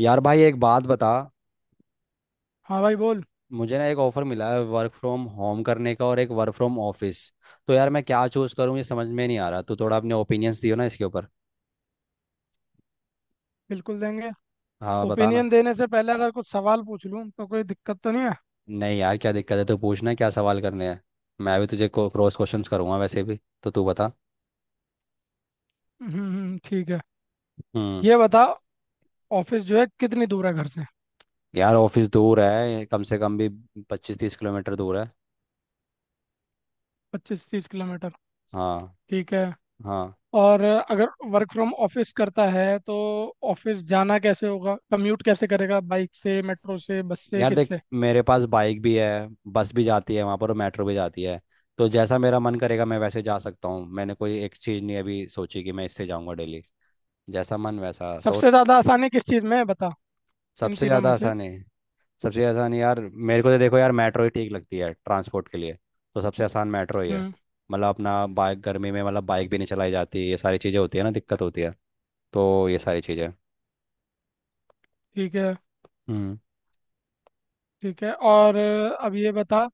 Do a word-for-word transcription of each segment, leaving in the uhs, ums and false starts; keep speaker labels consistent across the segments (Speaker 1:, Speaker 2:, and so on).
Speaker 1: यार भाई, एक बात बता।
Speaker 2: हाँ भाई बोल।
Speaker 1: मुझे ना एक ऑफर मिला है वर्क फ्रॉम होम करने का, और एक वर्क फ्रॉम ऑफिस। तो यार मैं क्या चूज करूँ ये समझ में नहीं आ रहा। तू थोड़ा अपने ओपिनियंस दियो ना इसके ऊपर।
Speaker 2: बिल्कुल देंगे।
Speaker 1: हाँ, बता ना।
Speaker 2: ओपिनियन देने से पहले अगर कुछ सवाल पूछ लूँ तो कोई दिक्कत तो नहीं है।
Speaker 1: नहीं यार, क्या दिक्कत है, तू पूछना क्या सवाल करने हैं। मैं भी तुझे क्रॉस क्वेश्चंस करूंगा वैसे भी, तो तू बता।
Speaker 2: हम्म हम्म, ठीक है।
Speaker 1: हम्म।
Speaker 2: ये बता, ऑफिस जो है कितनी दूर है घर से?
Speaker 1: यार ऑफिस दूर है, कम से कम भी पच्चीस तीस किलोमीटर दूर है।
Speaker 2: पच्चीस तीस किलोमीटर।
Speaker 1: हाँ।
Speaker 2: ठीक है।
Speaker 1: हाँ।
Speaker 2: और अगर वर्क फ्रॉम ऑफिस करता है तो ऑफिस जाना कैसे होगा? कम्यूट कैसे करेगा, बाइक से, मेट्रो से, बस से,
Speaker 1: यार देख,
Speaker 2: किससे?
Speaker 1: मेरे पास बाइक भी है, बस भी जाती है वहाँ पर, और मेट्रो भी जाती है। तो जैसा मेरा मन करेगा मैं वैसे जा सकता हूँ। मैंने कोई एक चीज़ नहीं अभी सोची कि मैं इससे जाऊँगा डेली। जैसा मन वैसा
Speaker 2: सबसे
Speaker 1: सोर्स।
Speaker 2: ज़्यादा आसानी किस चीज़ में है बता, इन
Speaker 1: सबसे
Speaker 2: तीनों
Speaker 1: ज़्यादा
Speaker 2: में से।
Speaker 1: आसान है, सबसे आसान यार मेरे को तो, देखो यार मेट्रो ही ठीक लगती है ट्रांसपोर्ट के लिए। तो सबसे आसान मेट्रो ही है।
Speaker 2: हम्म
Speaker 1: मतलब अपना बाइक गर्मी में, मतलब बाइक भी नहीं चलाई जाती, ये सारी चीज़ें होती है ना, दिक्कत होती है। तो ये सारी चीज़ें।
Speaker 2: ठीक है।
Speaker 1: हम्म।
Speaker 2: ठीक है, और अब ये बता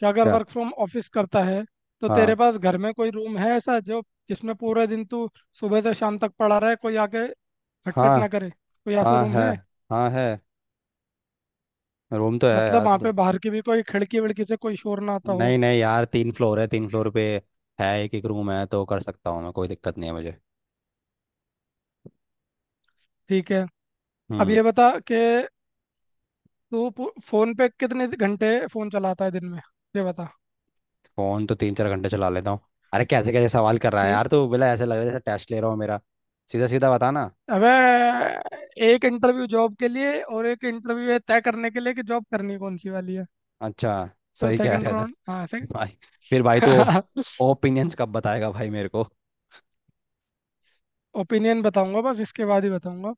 Speaker 2: कि अगर
Speaker 1: क्या।
Speaker 2: वर्क फ्रॉम ऑफिस करता है तो तेरे
Speaker 1: हाँ
Speaker 2: पास घर में कोई रूम है ऐसा जो, जिसमें पूरे दिन तू सुबह से शाम तक पड़ा रहे, कोई आके खटखट
Speaker 1: हाँ।
Speaker 2: ना करे, कोई ऐसा
Speaker 1: हाँ
Speaker 2: रूम
Speaker 1: है।
Speaker 2: है?
Speaker 1: हाँ है। रूम तो है
Speaker 2: मतलब
Speaker 1: यार
Speaker 2: वहाँ
Speaker 1: तो।
Speaker 2: पे बाहर की भी कोई खिड़की विड़की से कोई शोर ना आता हो।
Speaker 1: नहीं नहीं यार, तीन फ्लोर है, तीन फ्लोर पे है एक एक रूम। है, तो कर सकता हूँ मैं, कोई दिक्कत नहीं है मुझे।
Speaker 2: ठीक है। अब
Speaker 1: हम्म।
Speaker 2: ये बता कि तू पू- फोन पे कितने घंटे फोन चलाता है दिन में, ये बता।
Speaker 1: फोन तो तीन चार घंटे चला लेता हूँ। अरे कैसे कैसे सवाल कर रहा है
Speaker 2: तीन।
Speaker 1: यार तू, बोला ऐसे लग रहा है जैसे टेस्ट ले रहा हो मेरा। सीधा सीधा बता ना।
Speaker 2: अबे, एक इंटरव्यू जॉब के लिए और एक इंटरव्यू ये तय करने के लिए कि जॉब करनी कौन सी वाली है।
Speaker 1: अच्छा।
Speaker 2: तो
Speaker 1: सही कह
Speaker 2: सेकंड
Speaker 1: रहा था
Speaker 2: राउंड, हाँ।
Speaker 1: भाई। फिर भाई तू
Speaker 2: सेकंड।
Speaker 1: ओपिनियंस कब बताएगा भाई मेरे को।
Speaker 2: ओपिनियन बताऊंगा, बस इसके बाद ही बताऊंगा।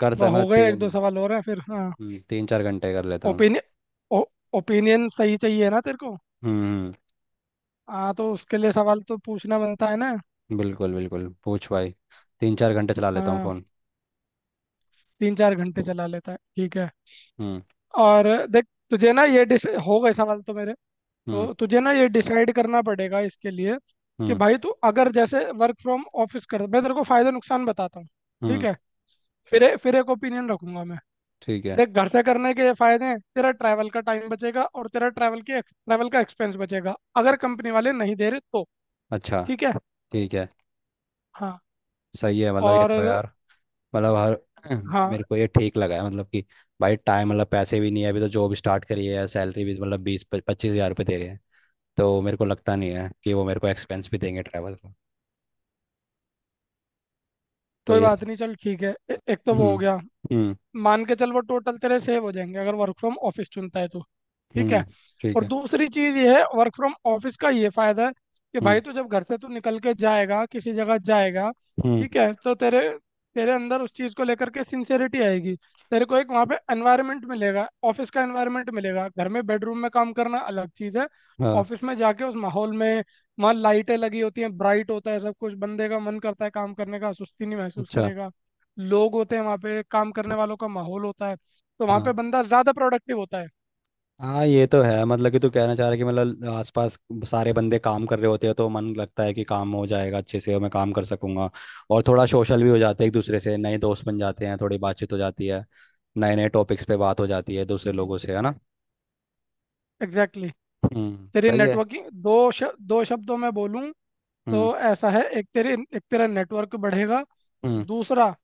Speaker 1: कर सक
Speaker 2: वाह,
Speaker 1: मैं
Speaker 2: हो गए? एक दो
Speaker 1: तीन।
Speaker 2: सवाल और हैं, फिर हाँ।
Speaker 1: हम्म, तीन चार घंटे कर लेता हूँ।
Speaker 2: ओपिनियन। ओपिनियन सही चाहिए ना तेरे को?
Speaker 1: हम्म।
Speaker 2: हाँ तो उसके लिए सवाल तो पूछना बनता है ना।
Speaker 1: हम्म, बिल्कुल बिल्कुल, पूछ भाई। तीन चार घंटे चला लेता हूँ
Speaker 2: हाँ।
Speaker 1: फोन।
Speaker 2: तीन चार घंटे चला लेता है, ठीक है।
Speaker 1: हम्म।
Speaker 2: और देख, तुझे ना ये डिस हो गए सवाल तो मेरे।
Speaker 1: हम्म।
Speaker 2: तो तुझे ना ये डिसाइड करना पड़ेगा इसके लिए कि
Speaker 1: हम्म
Speaker 2: भाई तू अगर जैसे वर्क फ्रॉम ऑफिस कर, मैं तेरे को फायदे नुकसान बताता हूँ। ठीक
Speaker 1: हम्म
Speaker 2: है। फिर ए- फिर एक ओपिनियन रखूंगा मैं।
Speaker 1: ठीक है।
Speaker 2: देख, घर से करने के ये फायदे हैं, तेरा ट्रैवल का टाइम बचेगा और तेरा ट्रैवल के ट्रैवल का एक्सपेंस बचेगा अगर कंपनी वाले नहीं दे रहे तो।
Speaker 1: अच्छा।
Speaker 2: ठीक है।
Speaker 1: ठीक है।
Speaker 2: हाँ।
Speaker 1: सही है, मतलब ये तो
Speaker 2: और।
Speaker 1: यार, मतलब हर
Speaker 2: हाँ।
Speaker 1: मेरे को ये ठीक लगा है, मतलब कि भाई टाइम, मतलब पैसे भी नहीं है अभी, तो जॉब स्टार्ट करी है, सैलरी भी मतलब बीस पच्चीस हज़ार रुपये दे रहे हैं। तो मेरे को लगता नहीं है कि वो मेरे को एक्सपेंस भी देंगे ट्रैवल का। तो
Speaker 2: कोई
Speaker 1: ये।
Speaker 2: बात नहीं, चल ठीक है। ए, एक तो वो हो
Speaker 1: हम्म।
Speaker 2: गया।
Speaker 1: हम्म।
Speaker 2: मान के चल वो टोटल तेरे सेव हो जाएंगे अगर वर्क फ्रॉम ऑफिस चुनता है तो। ठीक
Speaker 1: हम्म
Speaker 2: है।
Speaker 1: ठीक
Speaker 2: और
Speaker 1: है।
Speaker 2: दूसरी चीज़ ये है, वर्क फ्रॉम ऑफिस का ये फ़ायदा है कि
Speaker 1: हम्म।
Speaker 2: भाई तू जब घर से तू निकल के जाएगा, किसी जगह जाएगा,
Speaker 1: हम्म।
Speaker 2: ठीक है, तो तेरे तेरे अंदर उस चीज़ को लेकर के सिंसेरिटी आएगी। तेरे को एक वहाँ पे एनवायरनमेंट मिलेगा, ऑफिस का एनवायरनमेंट मिलेगा। घर में बेडरूम में काम करना अलग चीज़ है।
Speaker 1: हाँ।
Speaker 2: ऑफिस में जाके उस माहौल में, वहाँ लाइटें लगी होती हैं, ब्राइट होता है सब कुछ, बंदे का मन करता है काम करने का, सुस्ती नहीं महसूस
Speaker 1: अच्छा।
Speaker 2: करेगा। लोग होते हैं वहाँ पे, काम करने वालों का माहौल होता है, तो वहाँ
Speaker 1: हाँ।
Speaker 2: पे बंदा ज़्यादा प्रोडक्टिव होता है।
Speaker 1: हाँ, ये तो है। मतलब कि तू कहना चाह रहा है कि मतलब आसपास सारे बंदे काम कर रहे होते हैं तो मन लगता है कि काम हो जाएगा अच्छे से, और मैं काम कर सकूंगा। और थोड़ा सोशल भी हो जाते हैं एक दूसरे से, नए दोस्त बन जाते हैं, थोड़ी बातचीत हो जाती है। नए नए टॉपिक्स पे बात हो जाती है दूसरे लोगों से, है ना।
Speaker 2: Exactly, exactly।
Speaker 1: हम्म,
Speaker 2: तेरी
Speaker 1: सही है।
Speaker 2: नेटवर्किंग, दो श, दो शब्दों में बोलूँ
Speaker 1: हम्म।
Speaker 2: तो ऐसा है, एक तेरी, एक तेरा नेटवर्क बढ़ेगा।
Speaker 1: हम्म।
Speaker 2: दूसरा,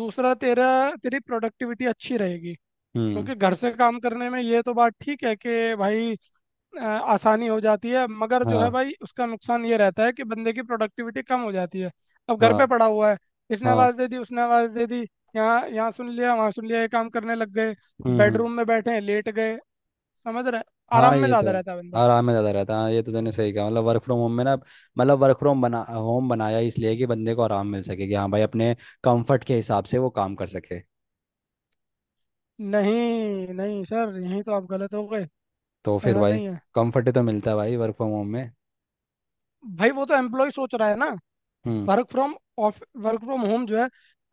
Speaker 2: दूसरा तेरा तेरी प्रोडक्टिविटी अच्छी रहेगी।
Speaker 1: हम्म।
Speaker 2: क्योंकि घर से काम करने में ये तो बात ठीक है कि भाई, अ, आसानी हो जाती है, मगर जो है
Speaker 1: हाँ।
Speaker 2: भाई उसका नुकसान ये रहता है कि बंदे की प्रोडक्टिविटी कम हो जाती है। अब घर पे
Speaker 1: हाँ।
Speaker 2: पड़ा हुआ है, इसने
Speaker 1: हाँ।
Speaker 2: आवाज़ दे दी, उसने आवाज़ दे दी, यहाँ यहाँ सुन लिया, वहाँ सुन लिया, ये काम करने लग गए।
Speaker 1: हम्म। हम्म।
Speaker 2: बेडरूम में बैठे हैं, लेट गए, समझ रहे? आराम
Speaker 1: हाँ,
Speaker 2: में
Speaker 1: ये
Speaker 2: ज़्यादा
Speaker 1: तो है।
Speaker 2: रहता है बंदा।
Speaker 1: आराम में ज़्यादा रहता है, हाँ ये तो तूने सही कहा। मतलब वर्क फ्रॉम होम में ना, मतलब वर्क फ्रॉम बना, होम बनाया इसलिए कि बंदे को आराम मिल सके, कि हाँ भाई अपने कंफर्ट के हिसाब से वो काम कर सके।
Speaker 2: नहीं नहीं सर, यहीं तो आप गलत हो गए।
Speaker 1: तो फिर
Speaker 2: ऐसा
Speaker 1: भाई
Speaker 2: नहीं है
Speaker 1: कंफर्ट तो मिलता है भाई वर्क फ्रॉम होम में।
Speaker 2: भाई, वो तो एम्प्लॉय सोच रहा है ना।
Speaker 1: हम्म।
Speaker 2: Work from off work from home जो है,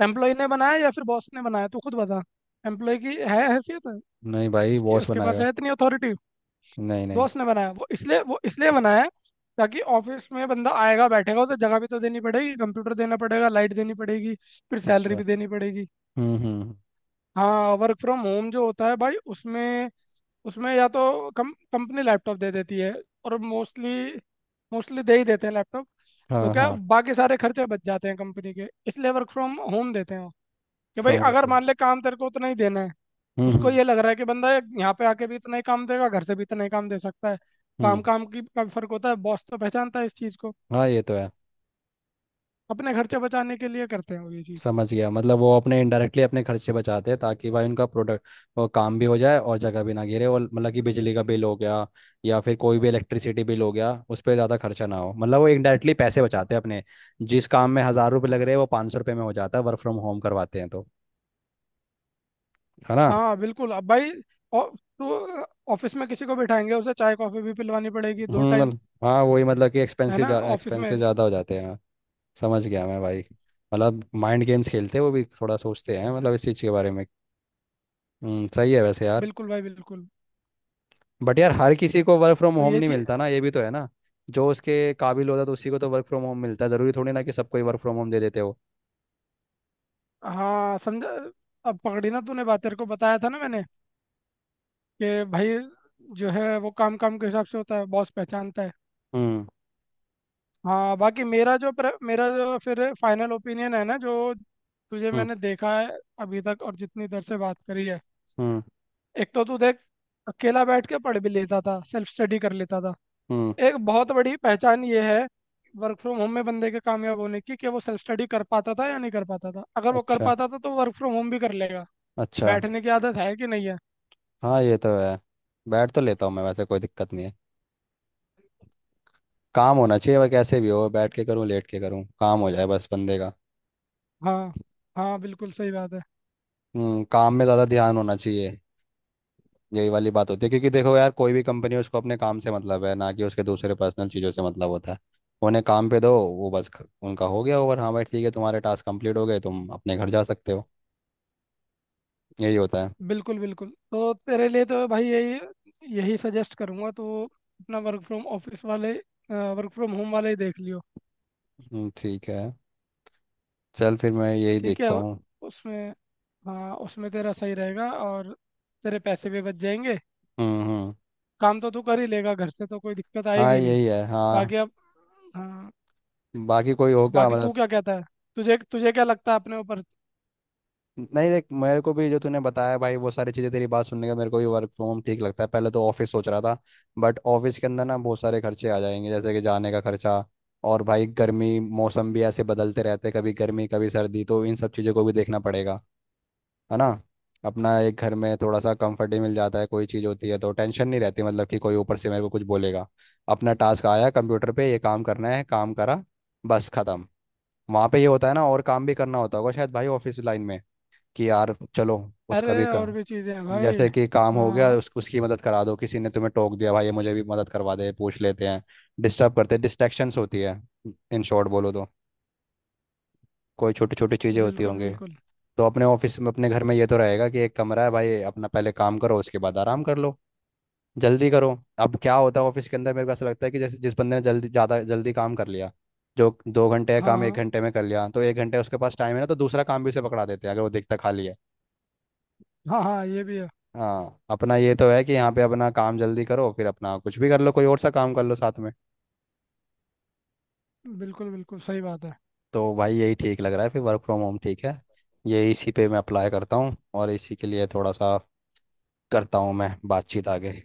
Speaker 2: एम्प्लॉय ने बनाया या फिर बॉस ने बनाया, तू खुद बता। एम्प्लॉय की है हैसियत?
Speaker 1: नहीं भाई,
Speaker 2: उसकी
Speaker 1: बॉस
Speaker 2: उसके पास
Speaker 1: बनाएगा।
Speaker 2: है इतनी अथॉरिटी?
Speaker 1: नहीं नहीं।
Speaker 2: बॉस ने बनाया वो, इसलिए वो इसलिए बनाया है ताकि ऑफिस में बंदा आएगा बैठेगा, उसे जगह भी तो देनी पड़ेगी, कंप्यूटर देना पड़ेगा, लाइट देनी पड़ेगी, फिर
Speaker 1: अच्छा।
Speaker 2: सैलरी भी देनी पड़ेगी।
Speaker 1: हम्म हम्म।
Speaker 2: हाँ, वर्क फ्रॉम होम जो होता है भाई उसमें, उसमें या तो कम कंपनी लैपटॉप दे देती है, और मोस्टली, मोस्टली दे ही देते हैं लैपटॉप। तो
Speaker 1: हाँ
Speaker 2: क्या,
Speaker 1: हाँ,
Speaker 2: बाकी सारे खर्चे बच जाते हैं कंपनी के, इसलिए वर्क फ्रॉम होम देते हैं वो, कि भाई
Speaker 1: समझ
Speaker 2: अगर
Speaker 1: गया।
Speaker 2: मान ले काम तेरे को उतना ही देना है,
Speaker 1: हम्म
Speaker 2: उसको
Speaker 1: हम्म।
Speaker 2: ये लग रहा है कि बंदा यहाँ पे आके भी इतना ही काम देगा, घर से भी इतना ही काम दे सकता है।
Speaker 1: हम्म,
Speaker 2: काम काम की का भी फर्क होता है, बॉस तो पहचानता है इस चीज़ को।
Speaker 1: हाँ ये तो है।
Speaker 2: अपने खर्चे बचाने के लिए करते हैं वो ये चीज़।
Speaker 1: समझ गया, मतलब वो अपने इनडायरेक्टली अपने खर्चे बचाते हैं, ताकि भाई उनका प्रोडक्ट वो काम भी हो जाए और जगह भी ना गिरे, और मतलब कि बिजली का बिल हो गया या फिर कोई भी इलेक्ट्रिसिटी बिल हो गया उस पर ज़्यादा खर्चा ना हो। मतलब वो इनडायरेक्टली पैसे बचाते हैं अपने। जिस काम में हज़ार रुपये लग रहे हैं वो पाँच सौ रुपये में हो जाता है वर्क फ्रॉम होम करवाते हैं तो, है ना।
Speaker 2: हाँ बिल्कुल। अब भाई, औ- तो ऑफिस में किसी को बिठाएंगे, उसे चाय कॉफी भी पिलवानी पड़ेगी दो
Speaker 1: हम्म,
Speaker 2: टाइम,
Speaker 1: मतलब- हाँ, वही मतलब कि
Speaker 2: है
Speaker 1: एक्सपेंसिव
Speaker 2: ना,
Speaker 1: जा
Speaker 2: ऑफिस में।
Speaker 1: एक्सपेंसिव ज़्यादा हो जाते हैं हाँ। समझ गया मैं भाई। मतलब माइंड गेम्स खेलते हैं वो भी, थोड़ा सोचते हैं मतलब इस चीज़ के बारे में। हम्म, सही है वैसे यार।
Speaker 2: बिल्कुल भाई बिल्कुल।
Speaker 1: बट यार, हर किसी को वर्क फ्रॉम
Speaker 2: तो
Speaker 1: होम
Speaker 2: ये
Speaker 1: नहीं
Speaker 2: चीज।
Speaker 1: मिलता ना, ये भी तो है ना। जो उसके काबिल होता है तो उसी को तो वर्क फ्रॉम होम मिलता है, ज़रूरी थोड़ी ना कि सबको ही वर्क फ्रॉम होम दे देते हो।
Speaker 2: हाँ समझा। अब पकड़ी ना तूने बात, तेरे को बताया था ना मैंने कि भाई जो है वो काम काम के हिसाब से होता है, बॉस पहचानता है।
Speaker 1: हम्म।
Speaker 2: हाँ, बाकी मेरा जो प्र, मेरा जो फिर फाइनल ओपिनियन है ना, जो तुझे
Speaker 1: हम्म।
Speaker 2: मैंने देखा है अभी तक और जितनी देर से बात करी है,
Speaker 1: हम्म।
Speaker 2: एक तो तू देख, अकेला बैठ के पढ़ भी लेता था, सेल्फ स्टडी कर लेता था।
Speaker 1: हम्म,
Speaker 2: एक बहुत बड़ी पहचान ये है वर्क फ्रॉम होम में बंदे के कामयाब होने की, कि वो सेल्फ स्टडी कर पाता था या नहीं कर पाता था। अगर वो कर
Speaker 1: अच्छा
Speaker 2: पाता था तो वर्क फ्रॉम होम भी कर लेगा।
Speaker 1: अच्छा।
Speaker 2: बैठने की आदत है कि नहीं है।
Speaker 1: हाँ, ये तो है। बैठ तो लेता हूँ मैं वैसे, कोई दिक्कत नहीं है। काम होना चाहिए, वह कैसे भी हो, बैठ के करूँ लेट के करूँ, काम हो जाए बस बंदे का।
Speaker 2: हाँ। हाँ बिल्कुल सही बात है।
Speaker 1: हम्म, काम में ज़्यादा ध्यान होना चाहिए। यही वाली बात होती है, क्योंकि देखो यार कोई भी कंपनी है उसको अपने काम से मतलब है ना, कि उसके दूसरे पर्सनल चीज़ों से मतलब होता है। उन्हें काम पे दो, वो बस ख- उनका हो गया ओवर, हाँ भाई ठीक है तुम्हारे टास्क कंप्लीट हो गए तुम अपने घर जा सकते हो। यही होता है।
Speaker 2: बिल्कुल बिल्कुल, तो तेरे लिए तो भाई यही यही सजेस्ट करूंगा तो। अपना वर्क फ्रॉम ऑफिस वाले, वर्क फ्रॉम होम वाले ही देख लियो।
Speaker 1: हम्म, ठीक है। चल फिर मैं यही
Speaker 2: ठीक है।
Speaker 1: देखता हूँ।
Speaker 2: उसमें, हाँ उसमें तेरा सही रहेगा, और तेरे पैसे भी बच जाएंगे।
Speaker 1: हम्म। हम्म।
Speaker 2: काम तो तू कर ही लेगा घर से, तो कोई दिक्कत
Speaker 1: हाँ,
Speaker 2: आएगी नहीं।
Speaker 1: यही है हाँ।
Speaker 2: बाकी अब, हाँ,
Speaker 1: बाकी कोई होगा
Speaker 2: बाकी तू
Speaker 1: मतलब।
Speaker 2: क्या कहता है? तुझे तुझे क्या लगता है अपने ऊपर?
Speaker 1: नहीं देख, मेरे को भी जो तूने बताया भाई वो सारी चीज़ें, तेरी बात सुनने का मेरे को भी वर्क फ्रॉम होम ठीक लगता है। पहले तो ऑफिस सोच रहा था, बट ऑफिस के अंदर ना बहुत सारे खर्चे आ जाएंगे, जैसे कि जाने का खर्चा। और भाई गर्मी, मौसम भी ऐसे बदलते रहते हैं, कभी गर्मी कभी सर्दी, तो इन सब चीज़ों को भी देखना पड़ेगा, है ना। अपना एक घर में थोड़ा सा कंफर्ट ही मिल जाता है, कोई चीज़ होती है तो टेंशन नहीं रहती, मतलब कि कोई ऊपर से मेरे को कुछ बोलेगा। अपना टास्क आया कंप्यूटर पे, ये काम करना है, काम करा, बस खत्म। वहाँ पे ये होता है ना, और काम भी करना होता होगा शायद भाई ऑफिस लाइन में, कि यार चलो उसका
Speaker 2: अरे
Speaker 1: भी का।
Speaker 2: और भी चीज़ें हैं भाई।
Speaker 1: जैसे कि काम हो गया
Speaker 2: हाँ।
Speaker 1: उस, उसकी मदद करा दो, किसी ने तुम्हें टोक दिया भाई ये मुझे भी मदद करवा दे, पूछ लेते हैं, डिस्टर्ब करते हैं, डिस्ट्रैक्शंस होती है। इन शॉर्ट बोलो तो कोई छोटी छोटी चीज़ें होती
Speaker 2: बिल्कुल
Speaker 1: होंगी।
Speaker 2: बिल्कुल।
Speaker 1: तो अपने ऑफिस में, अपने घर में ये तो रहेगा कि एक कमरा है भाई अपना, पहले काम करो उसके बाद आराम कर लो, जल्दी करो। अब क्या होता है ऑफिस के अंदर मेरे को ऐसा लगता है कि जैसे जिस बंदे ने जल्दी, ज़्यादा जल्दी काम कर लिया, जो दो घंटे का काम एक
Speaker 2: हाँ
Speaker 1: घंटे में कर लिया, तो एक घंटे उसके पास टाइम है ना, तो दूसरा काम भी उसे पकड़ा देते हैं अगर वो देखता खाली है।
Speaker 2: हाँ हाँ हाँ ये भी है।
Speaker 1: हाँ, अपना ये तो है कि यहाँ पे अपना काम जल्दी करो फिर अपना कुछ भी कर लो, कोई और सा काम कर लो साथ में।
Speaker 2: बिल्कुल बिल्कुल सही बात है।
Speaker 1: तो भाई यही ठीक लग रहा है फिर, वर्क फ्रॉम होम ठीक है। ये इसी पे मैं अप्लाई करता हूँ, और इसी के लिए थोड़ा सा करता हूँ मैं बातचीत आगे।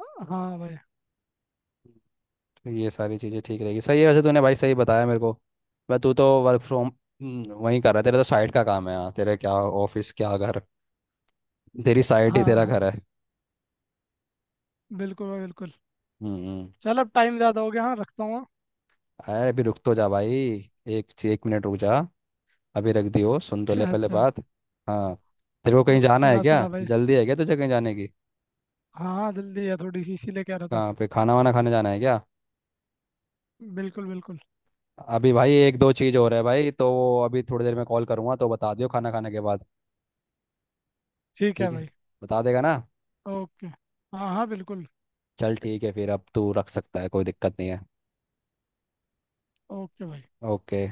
Speaker 2: हाँ भाई।
Speaker 1: तो ये सारी चीज़ें ठीक रहेगी, सही है, वैसे तूने भाई सही बताया मेरे को। मैं, तू तो वर्क फ्रॉम वहीं कर रहा है, तेरा तो साइट का काम है, यहाँ तेरे क्या ऑफिस क्या घर, तेरी साइट ही
Speaker 2: हाँ
Speaker 1: तेरा
Speaker 2: हाँ,
Speaker 1: घर है।
Speaker 2: बिल्कुल भाई बिल्कुल।
Speaker 1: हम्म हम्म।
Speaker 2: चल अब टाइम ज़्यादा हो गया, हाँ रखता हूँ, हाँ।
Speaker 1: अरे अभी रुक तो जा भाई, एक एक मिनट रुक जा, अभी रख दी हो, सुन तो ले
Speaker 2: अच्छा
Speaker 1: पहले
Speaker 2: अच्छा।
Speaker 1: बात। हाँ, तेरे को
Speaker 2: हाँ,
Speaker 1: कहीं जाना है
Speaker 2: सुना
Speaker 1: क्या,
Speaker 2: सुना भाई।
Speaker 1: जल्दी है क्या तुझे कहीं जाने की,
Speaker 2: हाँ हाँ, जल्दी है थोड़ी सी, इसीलिए कह रहा था।
Speaker 1: कहाँ पे खाना वाना खाने जाना है क्या।
Speaker 2: बिल्कुल बिल्कुल।
Speaker 1: अभी भाई एक दो चीज़ हो रहा है भाई, तो वो अभी थोड़ी देर में कॉल करूँगा, तो बता दियो खाना खाने के बाद।
Speaker 2: ठीक है
Speaker 1: ठीक है,
Speaker 2: भाई।
Speaker 1: बता देगा ना।
Speaker 2: ओके, हाँ हाँ, बिल्कुल।
Speaker 1: चल ठीक है फिर, अब तू रख सकता है, कोई दिक्कत नहीं है।
Speaker 2: ओके भाई।
Speaker 1: ओके।